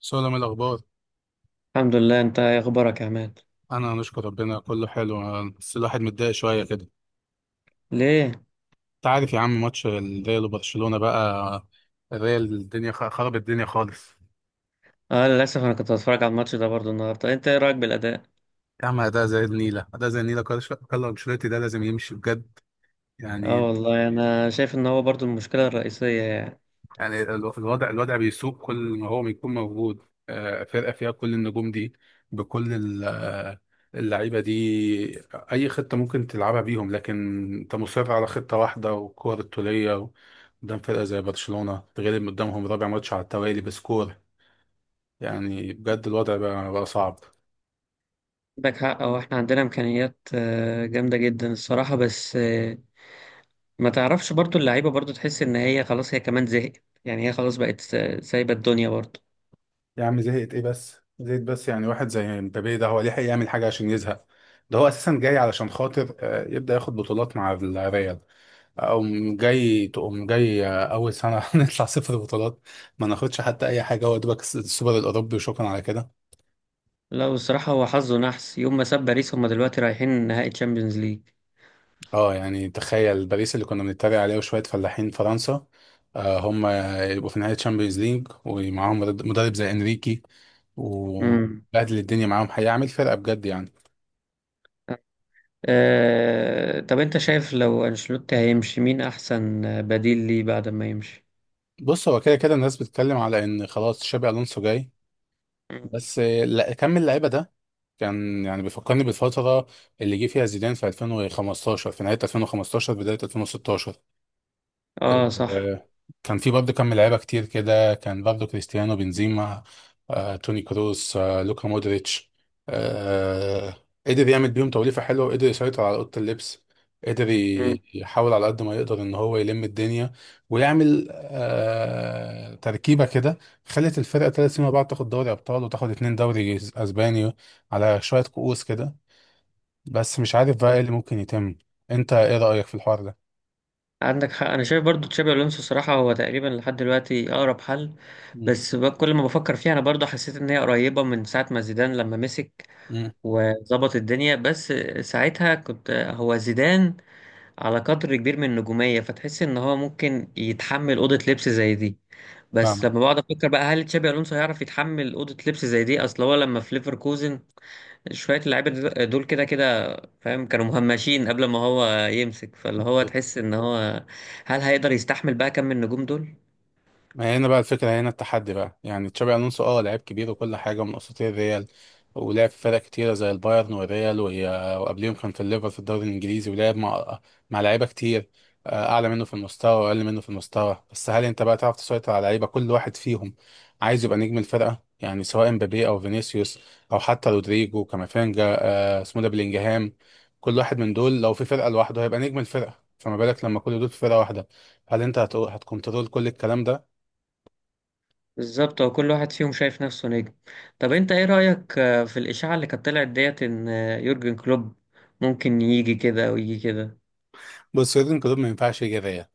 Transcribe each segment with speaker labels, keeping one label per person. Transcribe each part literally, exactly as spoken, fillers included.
Speaker 1: سلام الأخبار.
Speaker 2: الحمد لله، انت ايه اخبارك يا عماد؟
Speaker 1: أنا نشكر ربنا كله حلو، بس الواحد متضايق شوية كده.
Speaker 2: ليه؟
Speaker 1: أنت عارف يا عم ماتش الريال وبرشلونة بقى؟ الريال الدنيا خ- خرب الدنيا خالص.
Speaker 2: اه، للاسف انا كنت بتفرج على الماتش ده برضو النهارده. انت ايه رايك بالاداء؟
Speaker 1: يا عم أداء زي النيلة، أداء زي النيلة. كارلو كارلو أنشيلوتي ده لازم يمشي بجد
Speaker 2: اه
Speaker 1: يعني
Speaker 2: والله انا شايف ان هو برضو المشكله الرئيسيه يعني.
Speaker 1: يعني الو- الوضع الوضع بيسوق. كل ما هو بيكون موجود آه، فرقة فيها كل النجوم دي، بكل ال- آه، اللعيبة دي، أي خطة ممكن تلعبها بيهم. لكن أنت مصر على خطة واحدة والكور الطولية قدام فرقة زي برشلونة، تغلب قدامهم رابع ماتش على التوالي بسكور. يعني بجد الوضع بقى, بقى صعب.
Speaker 2: عندك حق، هو احنا عندنا امكانيات آه، جامده جدا الصراحه، بس آه، ما تعرفش برضو اللعيبه برضو تحس ان هي خلاص، هي كمان زهقت. يعني هي خلاص بقت سا- سايبه الدنيا برضو.
Speaker 1: يا عم زهقت إيه؟ بس زهقت بس، يعني واحد زي مبابي ده هو ليه حق يعمل حاجة عشان يزهق؟ ده هو أساسا جاي علشان خاطر آه، يبدأ ياخد بطولات مع الريال. أقوم جاي تقوم جاي أول سنة نطلع صفر بطولات، ما ناخدش حتى أي حاجة. هو دوبك الس- السوبر الأوروبي وشكرا على كده.
Speaker 2: لا والصراحه هو حظه نحس يوم ما ساب باريس، هم دلوقتي رايحين نهائي تشامبيونز ليج.
Speaker 1: أه يعني تخيل باريس اللي كنا بنتريق عليه، وشوية فلاحين فرنسا آه، هم يبقوا في نهاية تشامبيونز ليج ومعاهم مرد- مدرب زي إنريكي وبهدل الدنيا معاهم، هيعمل فرقة بجد يعني.
Speaker 2: آه، طب انت شايف لو انشيلوتي هيمشي مين احسن بديل ليه بعد ما يمشي؟
Speaker 1: بص هو كده كده الناس بتتكلم على إن خلاص شابي ألونسو جاي.
Speaker 2: مم.
Speaker 1: بس لا، كم اللعيبة ده كان يعني بيفكرني بالفترة اللي جه فيها زيدان في ألفين وخمستاشر، في نهاية ألفين وخمسطعش بداية ألفين وستاشر.
Speaker 2: اه صح.
Speaker 1: آه، كان في برضه كم لعيبة كتير كده، كان برضه كريستيانو، بنزيما، آه، توني كروس، آه، لوكا مودريتش آه، قدر يعمل بيهم توليفة حلوة، وقدر يسيطر على أوضة اللبس. قدر
Speaker 2: مم.
Speaker 1: ي- يحاول على قد ما يقدر إن هو يلم الدنيا ويعمل آه، تركيبة كده خلت الفرقة ثلاث سنين مع بعض تاخد دوري أبطال وتاخد اتنين دوري أسباني على شوية كؤوس كده. بس مش عارف بقى ايه اللي ممكن يتم. انت ايه رأيك في الحوار ده؟
Speaker 2: عندك حق، انا شايف برضو تشابي الونسو صراحه هو تقريبا لحد دلوقتي اقرب حل.
Speaker 1: مم.
Speaker 2: بس ب- كل ما بفكر فيها انا برضو حسيت ان هي قريبه من ساعه ما زيدان لما مسك
Speaker 1: مم.
Speaker 2: وظبط الدنيا. بس ساعتها كنت هو زيدان على قدر كبير من النجوميه، فتحس ان هو ممكن يتحمل اوضه لبس زي دي. بس
Speaker 1: فاهمك.
Speaker 2: لما بقعد افكر بقى، هل تشابي الونسو هيعرف يتحمل اوضه لبس زي دي؟ اصل هو لما في ليفركوزن شويه اللعيبه دل- دول كده كده فاهم، كانوا مهمشين قبل ما هو يمسك. فاللي هو تحس ان هو، هل هيقدر يستحمل بقى كم النجوم دول؟
Speaker 1: ما هنا بقى الفكرة، هنا التحدي بقى. يعني تشابي ألونسو اه لعيب كبير وكل حاجة، من أساطير الريال، ولعب في فرق كتيرة زي البايرن والريال وهي- وقبليهم كان في الليفر في الدوري الإنجليزي، ولعب مع مع لعيبة كتير آه، أعلى منه في المستوى وأقل منه في المستوى. بس هل أنت بقى تعرف تسيطر على لعيبة كل واحد فيهم عايز يبقى نجم الفرقة، يعني سواء مبابي أو فينيسيوس أو حتى رودريجو، كامافينجا آه، اسمه ده بلينجهام؟ كل واحد من دول لو في فرقة لوحده هيبقى نجم الفرقة، فما بالك لما كل دول في فرقة واحدة؟ هل أنت هت- هتكنترول كل الكلام ده؟
Speaker 2: بالظبط، هو كل واحد فيهم شايف نفسه نجم. طب انت ايه رايك آه، في الاشاعه اللي كانت طلعت ديت ان آه، يورجن كلوب ممكن يجي كده ويجي كده؟
Speaker 1: بص سويدن كلوب ما ينفعش جرايه.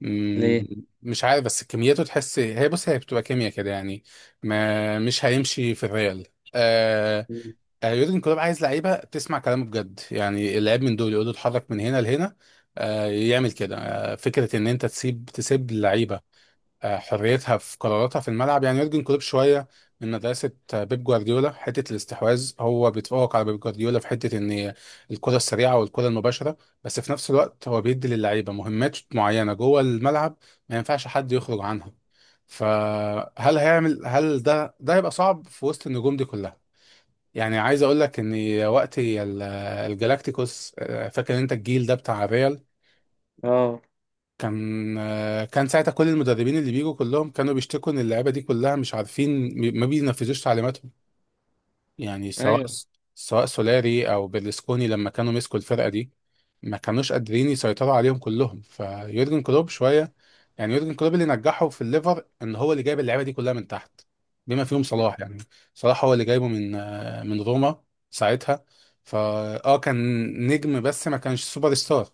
Speaker 1: مم،
Speaker 2: ليه؟
Speaker 1: مش عارف، بس كميته تحس هي، بص هي بتبقى كيمياء كده يعني. ما مش هيمشي في الريال آه.
Speaker 2: مم.
Speaker 1: آه، يورجن كلوب عايز لعيبه تسمع كلامه بجد، يعني اللعيب من دول يقول له اتحرك من هنا لهنا آه يعمل كده. آه فكره ان انت تسيب تسيب اللعيبه آه، حريتها في قراراتها في الملعب، يعني يورجن كلوب شويه من مدرسه آه، بيب جوارديولا، حته الاستحواذ. هو بيتفوق على بيب جوارديولا في حته ان الكره السريعه والكره المباشره، بس في نفس الوقت هو بيدي للعيبه مهمات معينه جوه الملعب ما ينفعش حد يخرج عنها. فهل هيعمل؟ هل ده ده هيبقى صعب في وسط النجوم دي كلها؟ يعني عايز اقول لك ان وقت ال- آه، الجالاكتيكوس آه، فاكر انت الجيل ده بتاع الريال؟
Speaker 2: اه.
Speaker 1: كان كان ساعتها كل المدربين اللي بيجوا كلهم كانوا بيشتكوا ان اللعيبه دي كلها مش عارفين ما بينفذوش تعليماتهم، يعني سواء
Speaker 2: ايوه.
Speaker 1: سواء سولاري او بيرلسكوني لما كانوا مسكوا الفرقه دي ما كانوش قادرين يسيطروا عليهم كلهم. فيورجن كلوب شويه يعني، يورجن كلوب اللي نجحه في الليفر ان هو اللي جايب اللعيبه دي كلها من تحت، بما فيهم صلاح. يعني صلاح هو اللي جايبه من من روما ساعتها. فا اه كان نجم، بس ما كانش سوبر ستار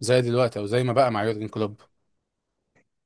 Speaker 1: زي دلوقتي او زي ما بقى مع يورجن كلوب.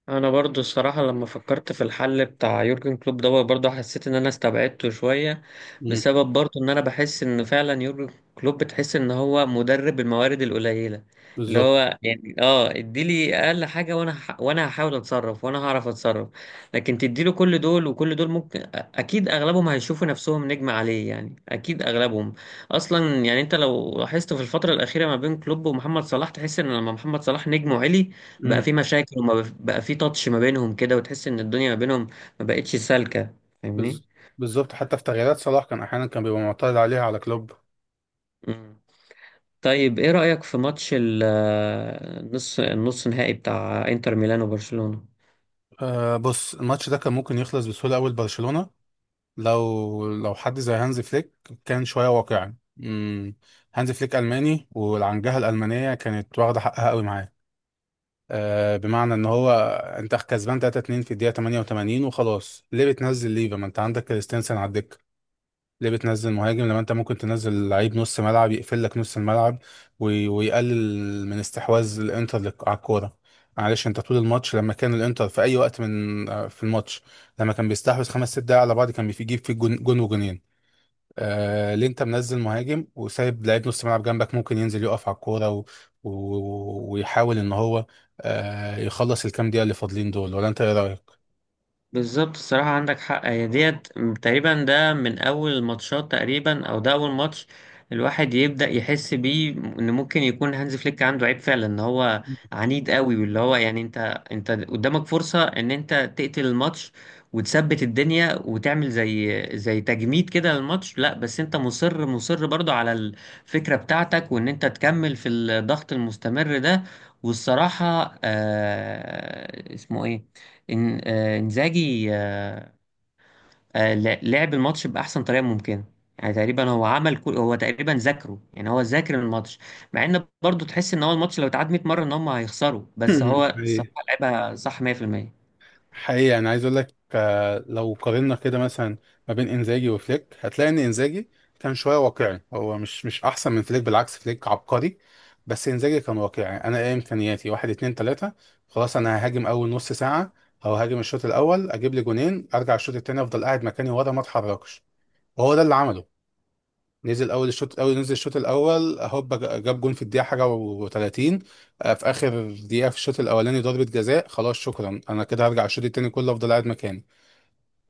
Speaker 2: انا برضو الصراحه لما فكرت في الحل بتاع يورجن كلوب دوت برضو حسيت ان انا استبعدته شويه، بسبب برضو ان انا بحس ان فعلا يورجن كلوب بتحس ان هو مدرب الموارد القليله، اللي
Speaker 1: بالظبط.
Speaker 2: هو يعني اه اديلي اقل حاجه، وانا هح- وانا هحاول اتصرف وانا هعرف اتصرف. لكن تديله كل دول وكل دول ممكن أ- اكيد اغلبهم هيشوفوا نفسهم نجم عليه، يعني اكيد اغلبهم اصلا. يعني انت لو لاحظت في الفتره الاخيره ما بين كلوب ومحمد صلاح تحس ان لما محمد صلاح نجمه عالي بقى
Speaker 1: امم
Speaker 2: في مشاكل، وما بف- بقى في تاتش ما بينهم كده، وتحس ان الدنيا ما بينهم ما بقتش سالكة، فاهمني؟
Speaker 1: بز... بالظبط، حتى في تغييرات صلاح كان احيانا كان بيبقى معترض عليها على كلوب.
Speaker 2: مم. طيب ايه رأيك في ماتش ال- النص النص نهائي بتاع انتر ميلان وبرشلونة؟
Speaker 1: آه بص الماتش ده كان ممكن يخلص بسهوله قوي لبرشلونه، لو لو حد زي هانز فليك كان شويه واقعي. امم هانز فليك الماني، والعنجهه الالمانيه كانت واخده حقها قوي معاه. آه، بمعنى ان هو انت كسبان تلاتة اتنين في الدقيقه تمانية وتمانين وخلاص، ليه بتنزل ليفا ما انت عندك كريستنسن على الدكه؟ ليه بتنزل مهاجم لما انت ممكن تنزل لعيب نص ملعب يقفل لك نص الملعب وي- ويقلل من استحواذ الانتر لك- على الكوره؟ معلش، انت طول الماتش لما كان الانتر في اي وقت من آه، في الماتش، لما كان بيستحوذ خمس ست دقايق على بعض كان بيجيب فيه جون، جون وجونين. آه ليه انت منزل مهاجم وسايب لعيب نص ملعب جنبك ممكن ينزل يقف على الكوره و... و... ويحاول ان هو آه يخلص الكام دقيقه اللي فاضلين دول؟ ولا انت ايه رايك؟
Speaker 2: بالظبط، الصراحة عندك حق. هي ديت تقريبا ده من أول الماتشات، تقريبا، أو ده أول ماتش الواحد يبدأ يحس بيه إن ممكن يكون هانز فليك عنده عيب فعلا، إن هو عنيد قوي. واللي هو يعني أنت أنت قدامك فرصة إن أنت تقتل الماتش وتثبت الدنيا وتعمل زي زي تجميد كده للماتش، لا بس أنت مصر مصر برضو على الفكرة بتاعتك، وإن أنت تكمل في الضغط المستمر ده. والصراحة آه اسمه إيه، إن آه، إنزاجي، آه، آه، لا- لعب الماتش بأحسن طريقة ممكنة. يعني تقريبا هو عمل كل هو تقريبا ذاكره، يعني هو ذاكر الماتش. مع إن برضه تحس إن هو الماتش لو اتعاد مئة مرة إن هم هيخسروا، بس هو الصراحة
Speaker 1: ايه
Speaker 2: لعبها صح مية في المية.
Speaker 1: حقيقي انا عايز اقول لك آه، لو قارنا كده مثلا ما بين انزاجي وفليك هتلاقي ان انزاجي كان شويه واقعي. هو مش مش احسن من فليك، بالعكس فليك عبقري، بس انزاجي كان واقعي. انا ايه امكانياتي؟ واحد اتنين تلاته، خلاص انا ههاجم اول نص ساعه او هاجم الشوط الاول، اجيب لي جونين ارجع الشوط التاني افضل قاعد مكاني ورا ما اتحركش. وهو ده اللي عمله، نزل اول الشوط، اول نزل الشوط الاول هوبا، جاب جون في الدقيقه حاجه وتلاتين، في اخر دقيقه في الشوط الاولاني ضربه جزاء. خلاص شكرا، انا كده هرجع الشوط التاني كله افضل قاعد مكاني.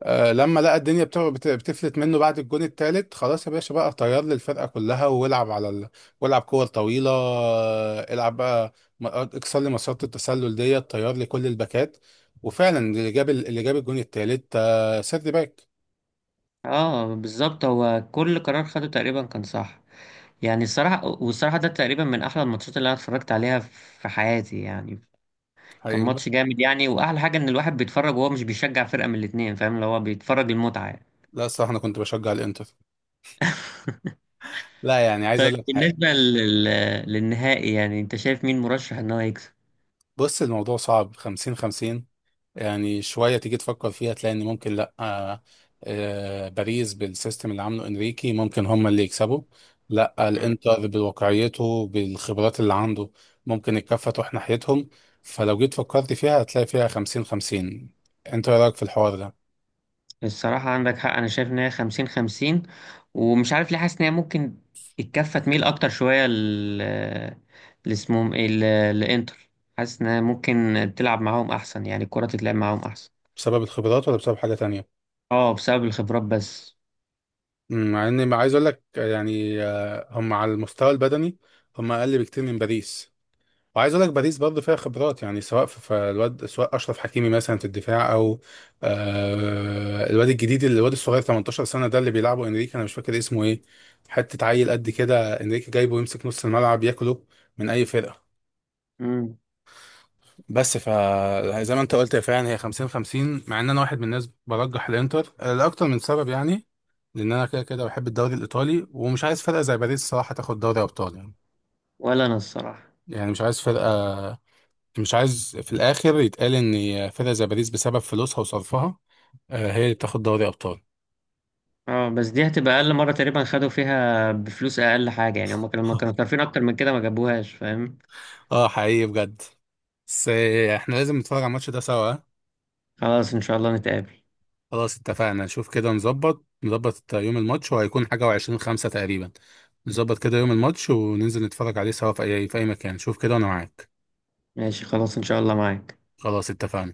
Speaker 1: آه لما لقى الدنيا بت- بت- بتفلت منه بعد الجون التالت، خلاص يا باشا بقى طير لي الفرقه كلها والعب على ال... والعب كور طويله آه، العب بقى، م- اكسر لي مسارات التسلل ديت، طير لي كل الباكات. وفعلا اللي جاب ال- اللي جاب الجون التالت آه سيرد باك.
Speaker 2: اه، بالظبط هو كل قرار خده تقريبا كان صح. يعني الصراحة والصراحة ده تقريبا من أحلى الماتشات اللي أنا اتفرجت عليها في حياتي يعني. كان
Speaker 1: حقيقي.
Speaker 2: ماتش جامد يعني، وأحلى حاجة إن الواحد بيتفرج وهو مش بيشجع فرقة من الاتنين، فاهم اللي هو بيتفرج المتعة.
Speaker 1: لا الصراحه انا كنت بشجع الانتر، لا يعني عايز
Speaker 2: طيب
Speaker 1: اقول لك.
Speaker 2: بالنسبة لل... للنهائي، يعني انت شايف مين مرشح ان هو يكسب؟
Speaker 1: بص الموضوع صعب، خمسين خمسين. يعني شوية تيجي تفكر فيها تلاقي ان ممكن لا آه، آه باريس بالسيستم اللي عامله انريكي ممكن هم اللي يكسبوا. لا
Speaker 2: مم.
Speaker 1: الانتر بواقعيته بالخبرات اللي عنده ممكن الكفة تروح ناحيتهم. فلو جيت فكرت فيها هتلاقي فيها خمسين خمسين. انت ايه رأيك في الحوار ده؟
Speaker 2: الصراحة عندك حق، انا شايف ان هي خمسين خمسين، ومش عارف ليه حاسس ان هي ممكن الكفة تميل اكتر شوية ل ل- اسمهم ايه ل- لانتر. حاسس ان هي ممكن تلعب معاهم احسن، يعني الكرة تتلعب معاهم احسن.
Speaker 1: بسبب الخبرات ولا بسبب حاجة تانية؟
Speaker 2: اه بسبب الخبرات بس.
Speaker 1: مم، مع اني ما عايز اقول لك، يعني آه هم على المستوى البدني هم اقل بكتير من باريس. وعايز اقول لك باريس برضه فيها خبرات، يعني سواء في في الواد، سواء اشرف حكيمي مثلا في الدفاع، او آه الواد الجديد اللي- الواد الصغير ثمانية عشر سنه ده اللي بيلعبه انريكي انا مش فاكر اسمه ايه. حته عيل قد كده انريكي جايبه يمسك نص الملعب، ياكله من اي فرقه.
Speaker 2: مم.
Speaker 1: بس ف زي ما انت قلت، يا فعلا هي خمسين خمسين. مع ان انا واحد من الناس برجح الانتر آه، لاكتر من سبب. يعني لان انا كده كده بحب الدوري الايطالي، ومش عايز فرقه زي باريس صراحه تاخد دوري ابطال يعني.
Speaker 2: ولا انا الصراحة.
Speaker 1: يعني مش عايز فرقه، مش عايز في الاخر يتقال ان فرقة زي باريس بسبب فلوسها وصرفها آه، هي اللي بتاخد دوري ابطال.
Speaker 2: اه بس دي هتبقى اقل مرة تقريبا خدوا فيها بفلوس، اقل حاجة يعني، هم كانوا لما كانوا صارفين اكتر من كده ما جابوهاش فاهم.
Speaker 1: اه حقيقي بجد. بس آه، احنا لازم نتفرج على الماتش ده سوا آه.
Speaker 2: خلاص ان شاء الله نتقابل.
Speaker 1: خلاص اتفقنا، نشوف كده، نظبط نظبط آه، يوم الماتش، وهيكون حاجة وعشرين خمسة تقريبا. نظبط كده يوم الماتش، وننزل نتفرج عليه سوا في اي في اي مكان، شوف كده وانا معاك.
Speaker 2: ماشي خلاص، إن شاء الله معاك.
Speaker 1: خلاص اتفقنا.